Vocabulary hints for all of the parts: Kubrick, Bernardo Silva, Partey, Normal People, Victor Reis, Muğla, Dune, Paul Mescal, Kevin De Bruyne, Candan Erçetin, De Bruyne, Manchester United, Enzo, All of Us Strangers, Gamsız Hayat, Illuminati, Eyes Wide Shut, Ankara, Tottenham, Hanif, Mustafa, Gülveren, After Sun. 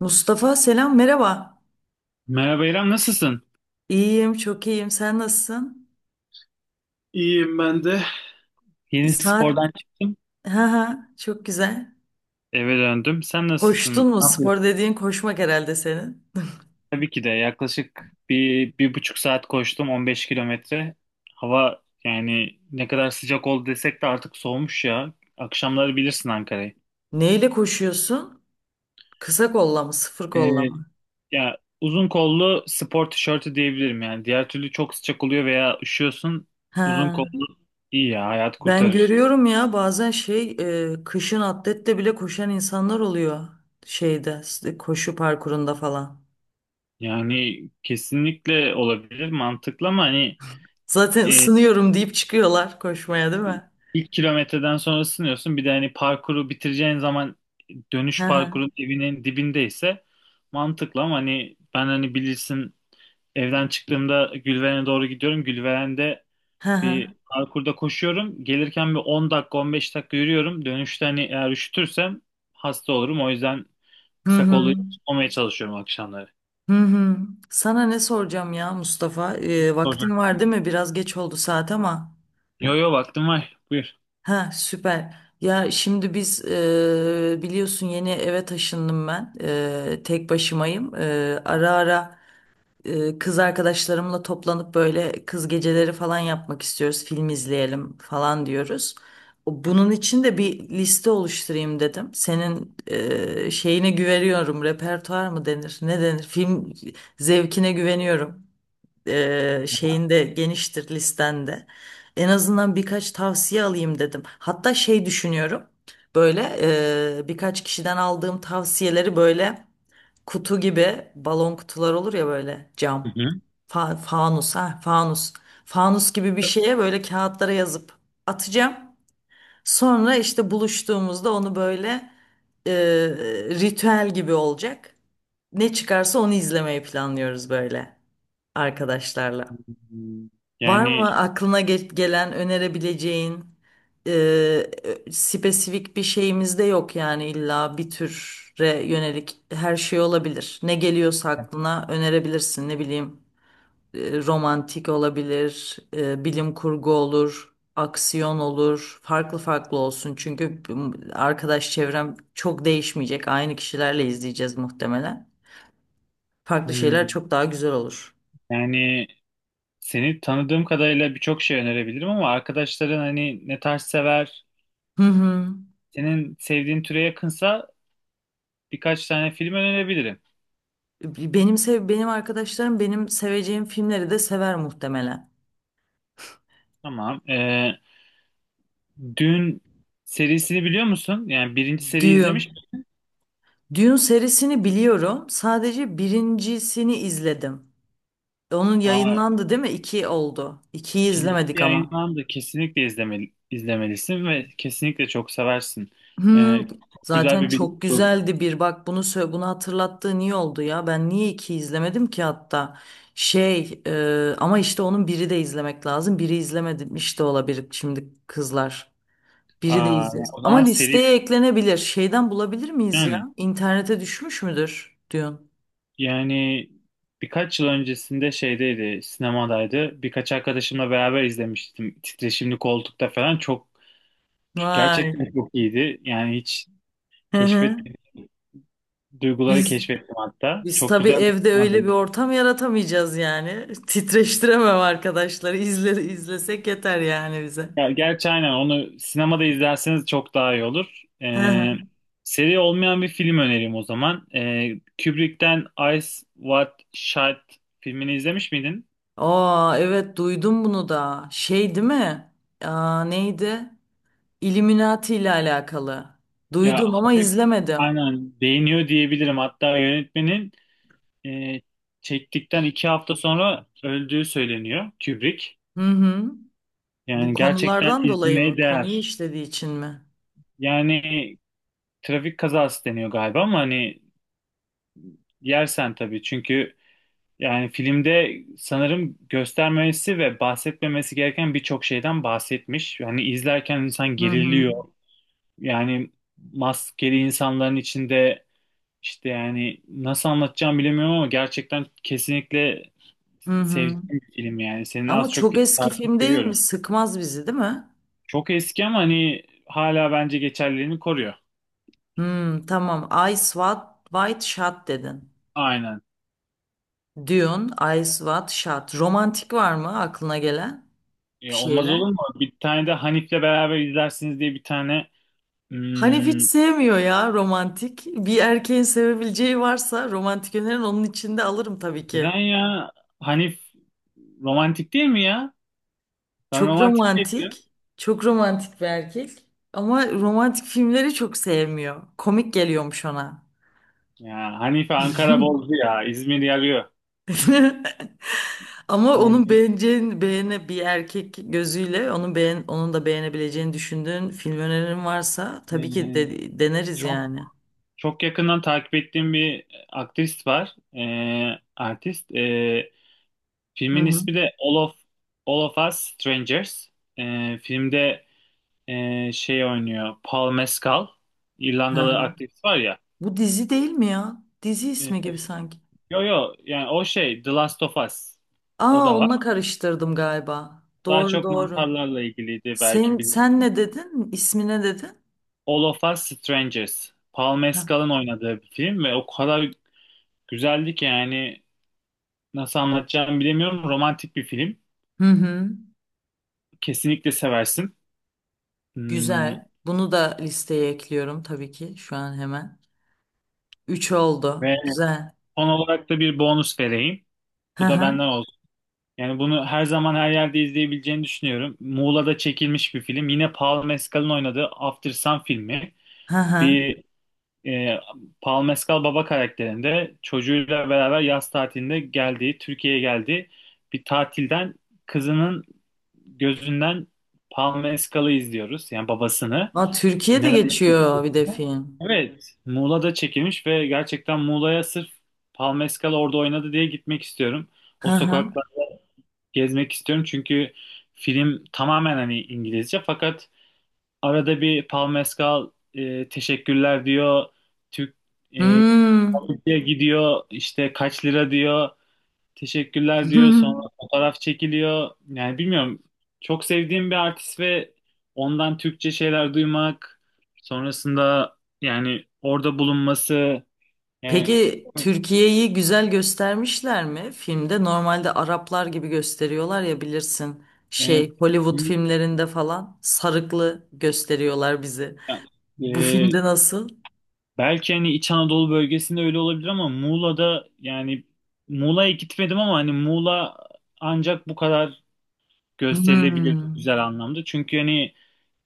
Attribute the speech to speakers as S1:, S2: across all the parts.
S1: Mustafa selam merhaba.
S2: Merhaba İrem, nasılsın?
S1: İyiyim, çok iyiyim, sen nasılsın?
S2: İyiyim ben de. Yeni
S1: Saat
S2: spordan çıktım,
S1: ha çok güzel.
S2: eve döndüm. Sen nasılsın?
S1: Koştun mu?
S2: Ne yapıyorsun?
S1: Spor dediğin koşmak herhalde senin.
S2: Tabii ki de yaklaşık 1,5 saat koştum, 15 kilometre. Hava yani ne kadar sıcak oldu desek de artık soğumuş ya. Akşamları bilirsin Ankara'yı.
S1: Neyle koşuyorsun? Kısa kolla mı, sıfır kolla
S2: Ee,
S1: mı?
S2: ya uzun kollu spor tişörtü diyebilirim yani. Diğer türlü çok sıcak oluyor veya üşüyorsun. Uzun
S1: Ha,
S2: kollu iyi ya, hayat
S1: ben
S2: kurtarır.
S1: görüyorum ya bazen kışın atletle bile koşan insanlar oluyor, koşu parkurunda falan.
S2: Yani kesinlikle olabilir, mantıklı ama hani.
S1: Zaten
S2: e,
S1: ısınıyorum deyip çıkıyorlar koşmaya, değil mi?
S2: İlk kilometreden sonra ısınıyorsun. Bir de hani parkuru bitireceğin zaman dönüş
S1: Ha ha,
S2: parkurun evinin dibindeyse mantıklı ama hani ben hani bilirsin evden çıktığımda Gülveren'e doğru gidiyorum. Gülveren'de
S1: ha ha.
S2: bir parkurda koşuyorum. Gelirken bir 10 dakika 15 dakika yürüyorum. Dönüşte hani eğer üşütürsem hasta olurum. O yüzden
S1: Hı
S2: kısa kollu
S1: hı.
S2: olmaya çalışıyorum akşamları.
S1: Hı hı. Sana ne soracağım ya Mustafa?
S2: Olacak.
S1: Vaktin var değil mi? Biraz geç oldu saat ama.
S2: Yo yo vaktim var. Buyur.
S1: Ha, süper. Ya şimdi biz, biliyorsun, yeni eve taşındım ben. E, tek başımayım. E, ara ara kız arkadaşlarımla toplanıp böyle kız geceleri falan yapmak istiyoruz. Film izleyelim falan diyoruz. Bunun için de bir liste oluşturayım dedim. Senin şeyine güveniyorum. Repertuar mı denir? Ne denir? Film zevkine güveniyorum, şeyinde, geniştir listende. En azından birkaç tavsiye alayım dedim. Hatta şey düşünüyorum. Böyle birkaç kişiden aldığım tavsiyeleri böyle, kutu gibi, balon kutular olur ya böyle,
S2: Hı
S1: cam.
S2: hı.
S1: Fanus, fanus. Fanus gibi bir şeye böyle, kağıtlara yazıp atacağım. Sonra işte buluştuğumuzda onu böyle e, ritüel gibi olacak. Ne çıkarsa onu izlemeyi planlıyoruz böyle, arkadaşlarla. Var mı
S2: Yani
S1: aklına gelen önerebileceğin? e, Spesifik bir şeyimiz de yok yani, illa bir türe yönelik, her şey olabilir. Ne geliyorsa aklına önerebilirsin. Ne bileyim, e, romantik olabilir, e, bilim kurgu olur, aksiyon olur. Farklı farklı olsun çünkü arkadaş çevrem çok değişmeyecek. Aynı kişilerle izleyeceğiz muhtemelen. Farklı şeyler
S2: hmm,
S1: çok daha güzel olur.
S2: yani seni tanıdığım kadarıyla birçok şey önerebilirim ama arkadaşların hani ne tarz sever,
S1: Hı hı.
S2: senin sevdiğin türe yakınsa birkaç tane film önerebilirim.
S1: Benim arkadaşlarım benim seveceğim filmleri de sever muhtemelen.
S2: Tamam. Dün serisini biliyor musun? Yani birinci seri
S1: Dune.
S2: izlemiş misin?
S1: Dune serisini biliyorum. Sadece birincisini izledim. Onun
S2: Aa,
S1: yayınlandı değil mi? İki oldu. İkiyi
S2: ikincisi
S1: izlemedik ama.
S2: yayınlandı. Kesinlikle izlemeli, izlemelisin ve kesinlikle çok seversin.
S1: Hmm,
S2: Ee, çok güzel
S1: zaten
S2: bir bilim
S1: çok
S2: kurgu.
S1: güzeldi bir. Bunu hatırlattığın iyi oldu ya. Ben niye iki izlemedim ki hatta? Şey, ama işte onun biri de izlemek lazım. Biri izlemedim işte, olabilir şimdi kızlar. Biri de
S2: Aa, yani
S1: izleriz.
S2: o
S1: Ama
S2: zaman seri
S1: listeye eklenebilir. Şeyden bulabilir miyiz ya?
S2: yani.
S1: İnternete düşmüş müdür diyorsun.
S2: Yani birkaç yıl öncesinde şeydeydi, sinemadaydı. Birkaç arkadaşımla beraber izlemiştim. Titreşimli koltukta falan çok
S1: Vay.
S2: gerçekten çok iyiydi. Yani hiç
S1: Hı
S2: keşfet
S1: hı.
S2: duyguları
S1: Biz
S2: keşfettim hatta.
S1: biz
S2: Çok
S1: tabii
S2: güzel bir
S1: evde
S2: sinema
S1: öyle bir
S2: deneyimi.
S1: ortam yaratamayacağız yani. Titreştiremem arkadaşları. İzlesek yeter yani bize.
S2: Ya gerçi aynen onu sinemada izlerseniz çok daha iyi olur.
S1: Hı hı.
S2: Seri olmayan bir film önereyim o zaman. Kubrick'ten Eyes Wide Shut filmini izlemiş miydin?
S1: Aa, evet, duydum bunu da. Şey değil mi? Aa, neydi? Illuminati ile alakalı.
S2: Ya
S1: Duydum ama
S2: hafif.
S1: izlemedim.
S2: Aynen beğeniyor diyebilirim. Hatta yönetmenin e, çektikten 2 hafta sonra öldüğü söyleniyor, Kubrick.
S1: Hı hı. Bu
S2: Yani gerçekten
S1: konulardan dolayı
S2: izlemeye
S1: mı? Konuyu
S2: değer.
S1: işlediği için mi?
S2: Yani trafik kazası deniyor galiba ama hani yersen tabii, çünkü yani filmde sanırım göstermemesi ve bahsetmemesi gereken birçok şeyden bahsetmiş. Yani izlerken insan
S1: Hı hı.
S2: geriliyor. Yani maskeli insanların içinde işte yani nasıl anlatacağım bilemiyorum ama gerçekten kesinlikle
S1: Hı
S2: sevdiğim
S1: hı.
S2: bir film yani. Senin
S1: Ama
S2: az çok
S1: çok eski
S2: takip
S1: film değil mi?
S2: seviyorum.
S1: Sıkmaz bizi, değil mi?
S2: Çok eski ama hani hala bence geçerliliğini koruyor.
S1: Hmm, tamam. Ice White, White Shot dedin.
S2: Aynen.
S1: Dune, Ice White Shot. Romantik var mı aklına gelen bir
S2: Ya olmaz
S1: şeyler?
S2: olur mu? Bir tane de Hanif'le beraber izlersiniz diye bir tane.
S1: Hanif hiç
S2: hmm,
S1: sevmiyor ya romantik. Bir erkeğin sevebileceği varsa romantik önerin, onun içinde alırım tabii
S2: neden
S1: ki.
S2: ya? Hanif romantik değil mi ya? Ben
S1: Çok
S2: romantik değil diyorum.
S1: romantik. Çok romantik bir erkek. Ama romantik filmleri çok sevmiyor. Komik geliyormuş ona.
S2: Ya, Hanife Ankara bozdu ya. İzmir yarıyor.
S1: Ama onun
S2: Yani,
S1: beğeneceğin beğene bir erkek gözüyle onun onun da beğenebileceğini düşündüğün film önerin varsa
S2: e,
S1: tabii ki deneriz
S2: çok
S1: yani.
S2: çok yakından takip ettiğim bir aktrist var. Artist.
S1: Hı
S2: Filmin
S1: hı.
S2: ismi de All of Us Strangers. Filmde şey oynuyor. Paul Mescal.
S1: Hı
S2: İrlandalı
S1: hı.
S2: aktivist var ya.
S1: Bu dizi değil mi ya? Dizi
S2: E,
S1: ismi gibi sanki.
S2: yo yo yani o şey The Last of Us. O
S1: Aa,
S2: da
S1: onunla
S2: var.
S1: karıştırdım galiba.
S2: Daha
S1: Doğru,
S2: çok
S1: doğru.
S2: mantarlarla ilgiliydi,
S1: Sen
S2: belki bilir.
S1: sen ne dedin? İsmi ne dedin?
S2: All of Us Strangers. Paul
S1: Ha.
S2: Mescal'ın oynadığı bir film ve o kadar güzeldi ki yani nasıl anlatacağımı bilemiyorum. Romantik bir film.
S1: Hı hı.
S2: Kesinlikle seversin. Hmm,
S1: Güzel. Bunu da listeye ekliyorum tabii ki şu an hemen. Üç oldu.
S2: Ve
S1: Güzel.
S2: son olarak da bir bonus vereyim.
S1: Hı
S2: Bu da
S1: hı.
S2: benden. Yani bunu her zaman her yerde izleyebileceğini düşünüyorum. Muğla'da çekilmiş bir film. Yine Paul Mescal'ın oynadığı After Sun filmi.
S1: Hı hı.
S2: Bir e, Paul Mescal baba karakterinde çocuğuyla beraber yaz tatilinde geldiği, Türkiye'ye geldiği bir tatilden kızının gözünden Paul Mescal'ı izliyoruz. Yani babasını.
S1: Aa, Türkiye'de
S2: Neler yapıyor?
S1: geçiyor bir de film.
S2: Evet, Muğla'da çekilmiş ve gerçekten Muğla'ya sırf Paul Mescal orada oynadı diye gitmek istiyorum.
S1: Hı
S2: O
S1: hı.
S2: sokak gezmek istiyorum çünkü film tamamen hani İngilizce, fakat arada bir Paul Mescal teşekkürler diyor. Türk e,
S1: Hmm.
S2: Türkiye gidiyor, işte kaç lira diyor. Teşekkürler diyor. Sonra fotoğraf çekiliyor. Yani bilmiyorum. Çok sevdiğim bir artist ve ondan Türkçe şeyler duymak, sonrasında yani orada bulunması yani.
S1: Peki Türkiye'yi güzel göstermişler mi filmde? Normalde Araplar gibi gösteriyorlar ya, bilirsin.
S2: e,
S1: Şey, Hollywood filmlerinde falan sarıklı gösteriyorlar bizi. Bu
S2: e,
S1: filmde nasıl?
S2: Belki hani İç Anadolu bölgesinde öyle olabilir ama Muğla'da yani Muğla'ya gitmedim ama hani Muğla ancak bu kadar gösterilebilir,
S1: Hmm.
S2: güzel anlamda. Çünkü hani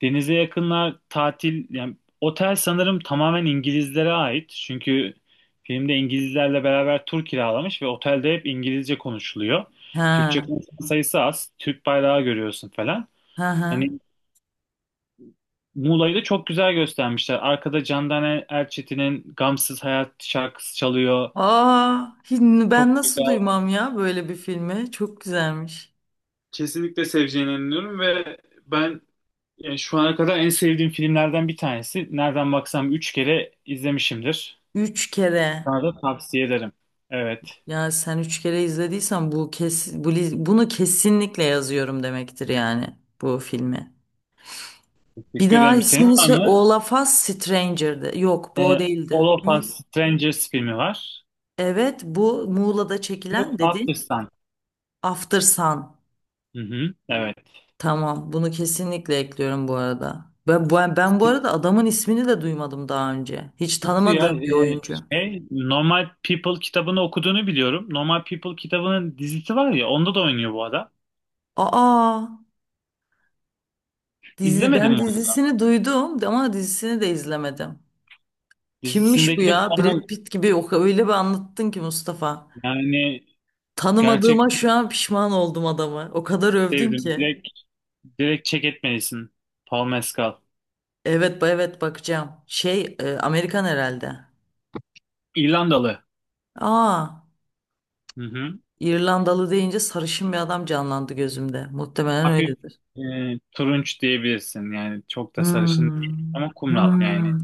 S2: denize yakınlar, tatil yani, otel sanırım tamamen İngilizlere ait. Çünkü filmde İngilizlerle beraber tur kiralamış ve otelde hep İngilizce konuşuluyor. Türkçe
S1: Ha.
S2: konuşan sayısı az. Türk bayrağı görüyorsun falan.
S1: Ha ha.
S2: Hani Muğla'yı da çok güzel göstermişler. Arkada Candan Erçetin'in Gamsız Hayat şarkısı çalıyor.
S1: Aa, ben
S2: Çok
S1: nasıl
S2: güzel.
S1: duymam ya böyle bir filmi? Çok güzelmiş.
S2: Kesinlikle seveceğine inanıyorum ve ben yani şu ana kadar en sevdiğim filmlerden bir tanesi. Nereden baksam 3 kere izlemişimdir.
S1: Üç kere.
S2: Sana da tavsiye ederim. Evet.
S1: Ya sen üç kere izlediysen bu bunu kesinlikle yazıyorum demektir yani, bu filmi. Bir
S2: Teşekkür
S1: daha
S2: ederim. Senin
S1: ismini
S2: var
S1: söyle.
S2: mı?
S1: Olaf Us Stranger'dı. Yok, bu o
S2: Ee,
S1: değildi.
S2: All of
S1: Ne?
S2: Us Strangers filmi var.
S1: Evet, bu Muğla'da
S2: Bu
S1: çekilen, dedin.
S2: After Sun.
S1: After Sun.
S2: Hı hı. Evet.
S1: Tamam, bunu kesinlikle ekliyorum bu arada. Ben bu arada adamın ismini de duymadım daha önce. Hiç
S2: Nasıl ya?
S1: tanımadığım bir
S2: Ee,
S1: oyuncu.
S2: şey, Normal People kitabını okuduğunu biliyorum. Normal People kitabının dizisi var ya, onda da oynuyor bu adam.
S1: Aa, dizi,
S2: İzlemedim
S1: ben
S2: mi onu?
S1: dizisini duydum ama dizisini de izlemedim. Kimmiş bu
S2: Dizisindeki de
S1: ya?
S2: Connell.
S1: Brad Pitt gibi, o öyle bir anlattın ki Mustafa.
S2: Yani
S1: Tanımadığıma şu
S2: gerçekten
S1: an pişman oldum adamı. O kadar övdün
S2: sevdim.
S1: ki.
S2: Direkt, direkt check etmelisin. Paul Mescal.
S1: Evet, evet, bakacağım. Şey, e, Amerikan herhalde.
S2: İrlandalı.
S1: Aa,
S2: Hı hı.
S1: İrlandalı deyince sarışın bir adam canlandı gözümde. Muhtemelen
S2: Hafif
S1: öyledir.
S2: e, turunç diyebilirsin. Yani çok da sarışın
S1: Hmm.
S2: değil ama kumral yani.
S1: Hmm.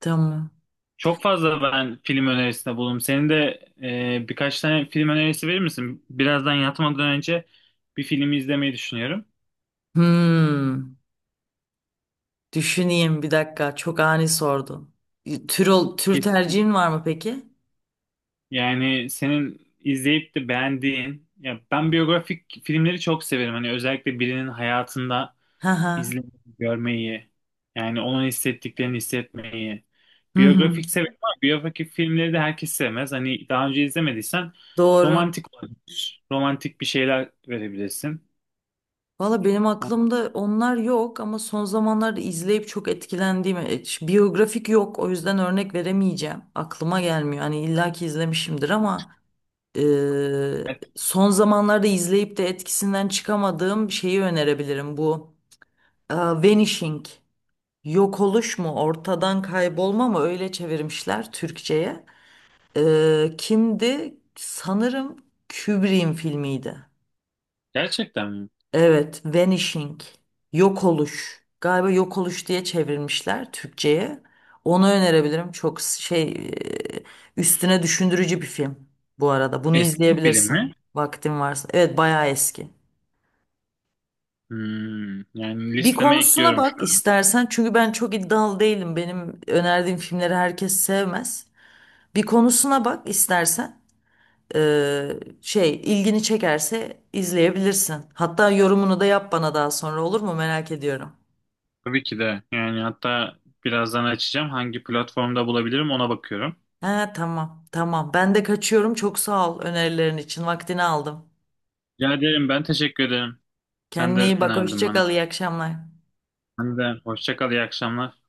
S1: Tamam.
S2: Çok fazla ben film önerisinde bulundum. Senin de birkaç tane film önerisi verir misin? Birazdan yatmadan önce bir filmi izlemeyi düşünüyorum.
S1: Hmm. Düşüneyim bir dakika. Çok ani sordun. Tür
S2: Ki-
S1: tercihin var mı peki?
S2: Yani senin izleyip de beğendiğin, ya ben biyografik filmleri çok severim. Hani özellikle birinin hayatında
S1: Hı hı.
S2: izlemeyi, görmeyi, yani onun hissettiklerini hissetmeyi.
S1: Hı hı.
S2: Biyografik severim ama biyografik filmleri de herkes sevmez. Hani daha önce izlemediysen
S1: Doğru.
S2: romantik olabilir. Romantik bir şeyler verebilirsin.
S1: Valla benim aklımda onlar yok ama son zamanlarda izleyip çok etkilendiğim, biyografik yok, o yüzden örnek veremeyeceğim. Aklıma gelmiyor. Hani illaki izlemişimdir ama e, son zamanlarda izleyip de etkisinden çıkamadığım şeyi önerebilirim. Bu Vanishing, yok oluş mu, ortadan kaybolma mı, öyle çevirmişler Türkçe'ye. E, kimdi? Sanırım Kubrick'in filmiydi.
S2: Gerçekten mi?
S1: Evet, vanishing, yok oluş. Galiba yok oluş diye çevirmişler Türkçe'ye. Onu önerebilirim. Çok şey, üstüne düşündürücü bir film bu arada. Bunu
S2: Eski bir film
S1: izleyebilirsin
S2: mi?
S1: vaktin varsa. Evet, bayağı eski.
S2: Yani
S1: Bir
S2: listeme
S1: konusuna
S2: ekliyorum şu
S1: bak
S2: an.
S1: istersen çünkü ben çok iddialı değilim. Benim önerdiğim filmleri herkes sevmez. Bir konusuna bak istersen. Ee, Şey, ilgini çekerse izleyebilirsin. Hatta yorumunu da yap bana daha sonra, olur mu? Merak ediyorum.
S2: Tabii ki de. Yani hatta birazdan açacağım. Hangi platformda bulabilirim ona bakıyorum.
S1: Ha, tamam tamam. Ben de kaçıyorum. Çok sağ ol önerilerin için. Vaktini aldım.
S2: Rica ederim, ben teşekkür ederim. Sen de
S1: Kendine iyi bak.
S2: önerdin
S1: Hoşça
S2: bana.
S1: kal. İyi akşamlar.
S2: Sen de hoşça kal, iyi akşamlar.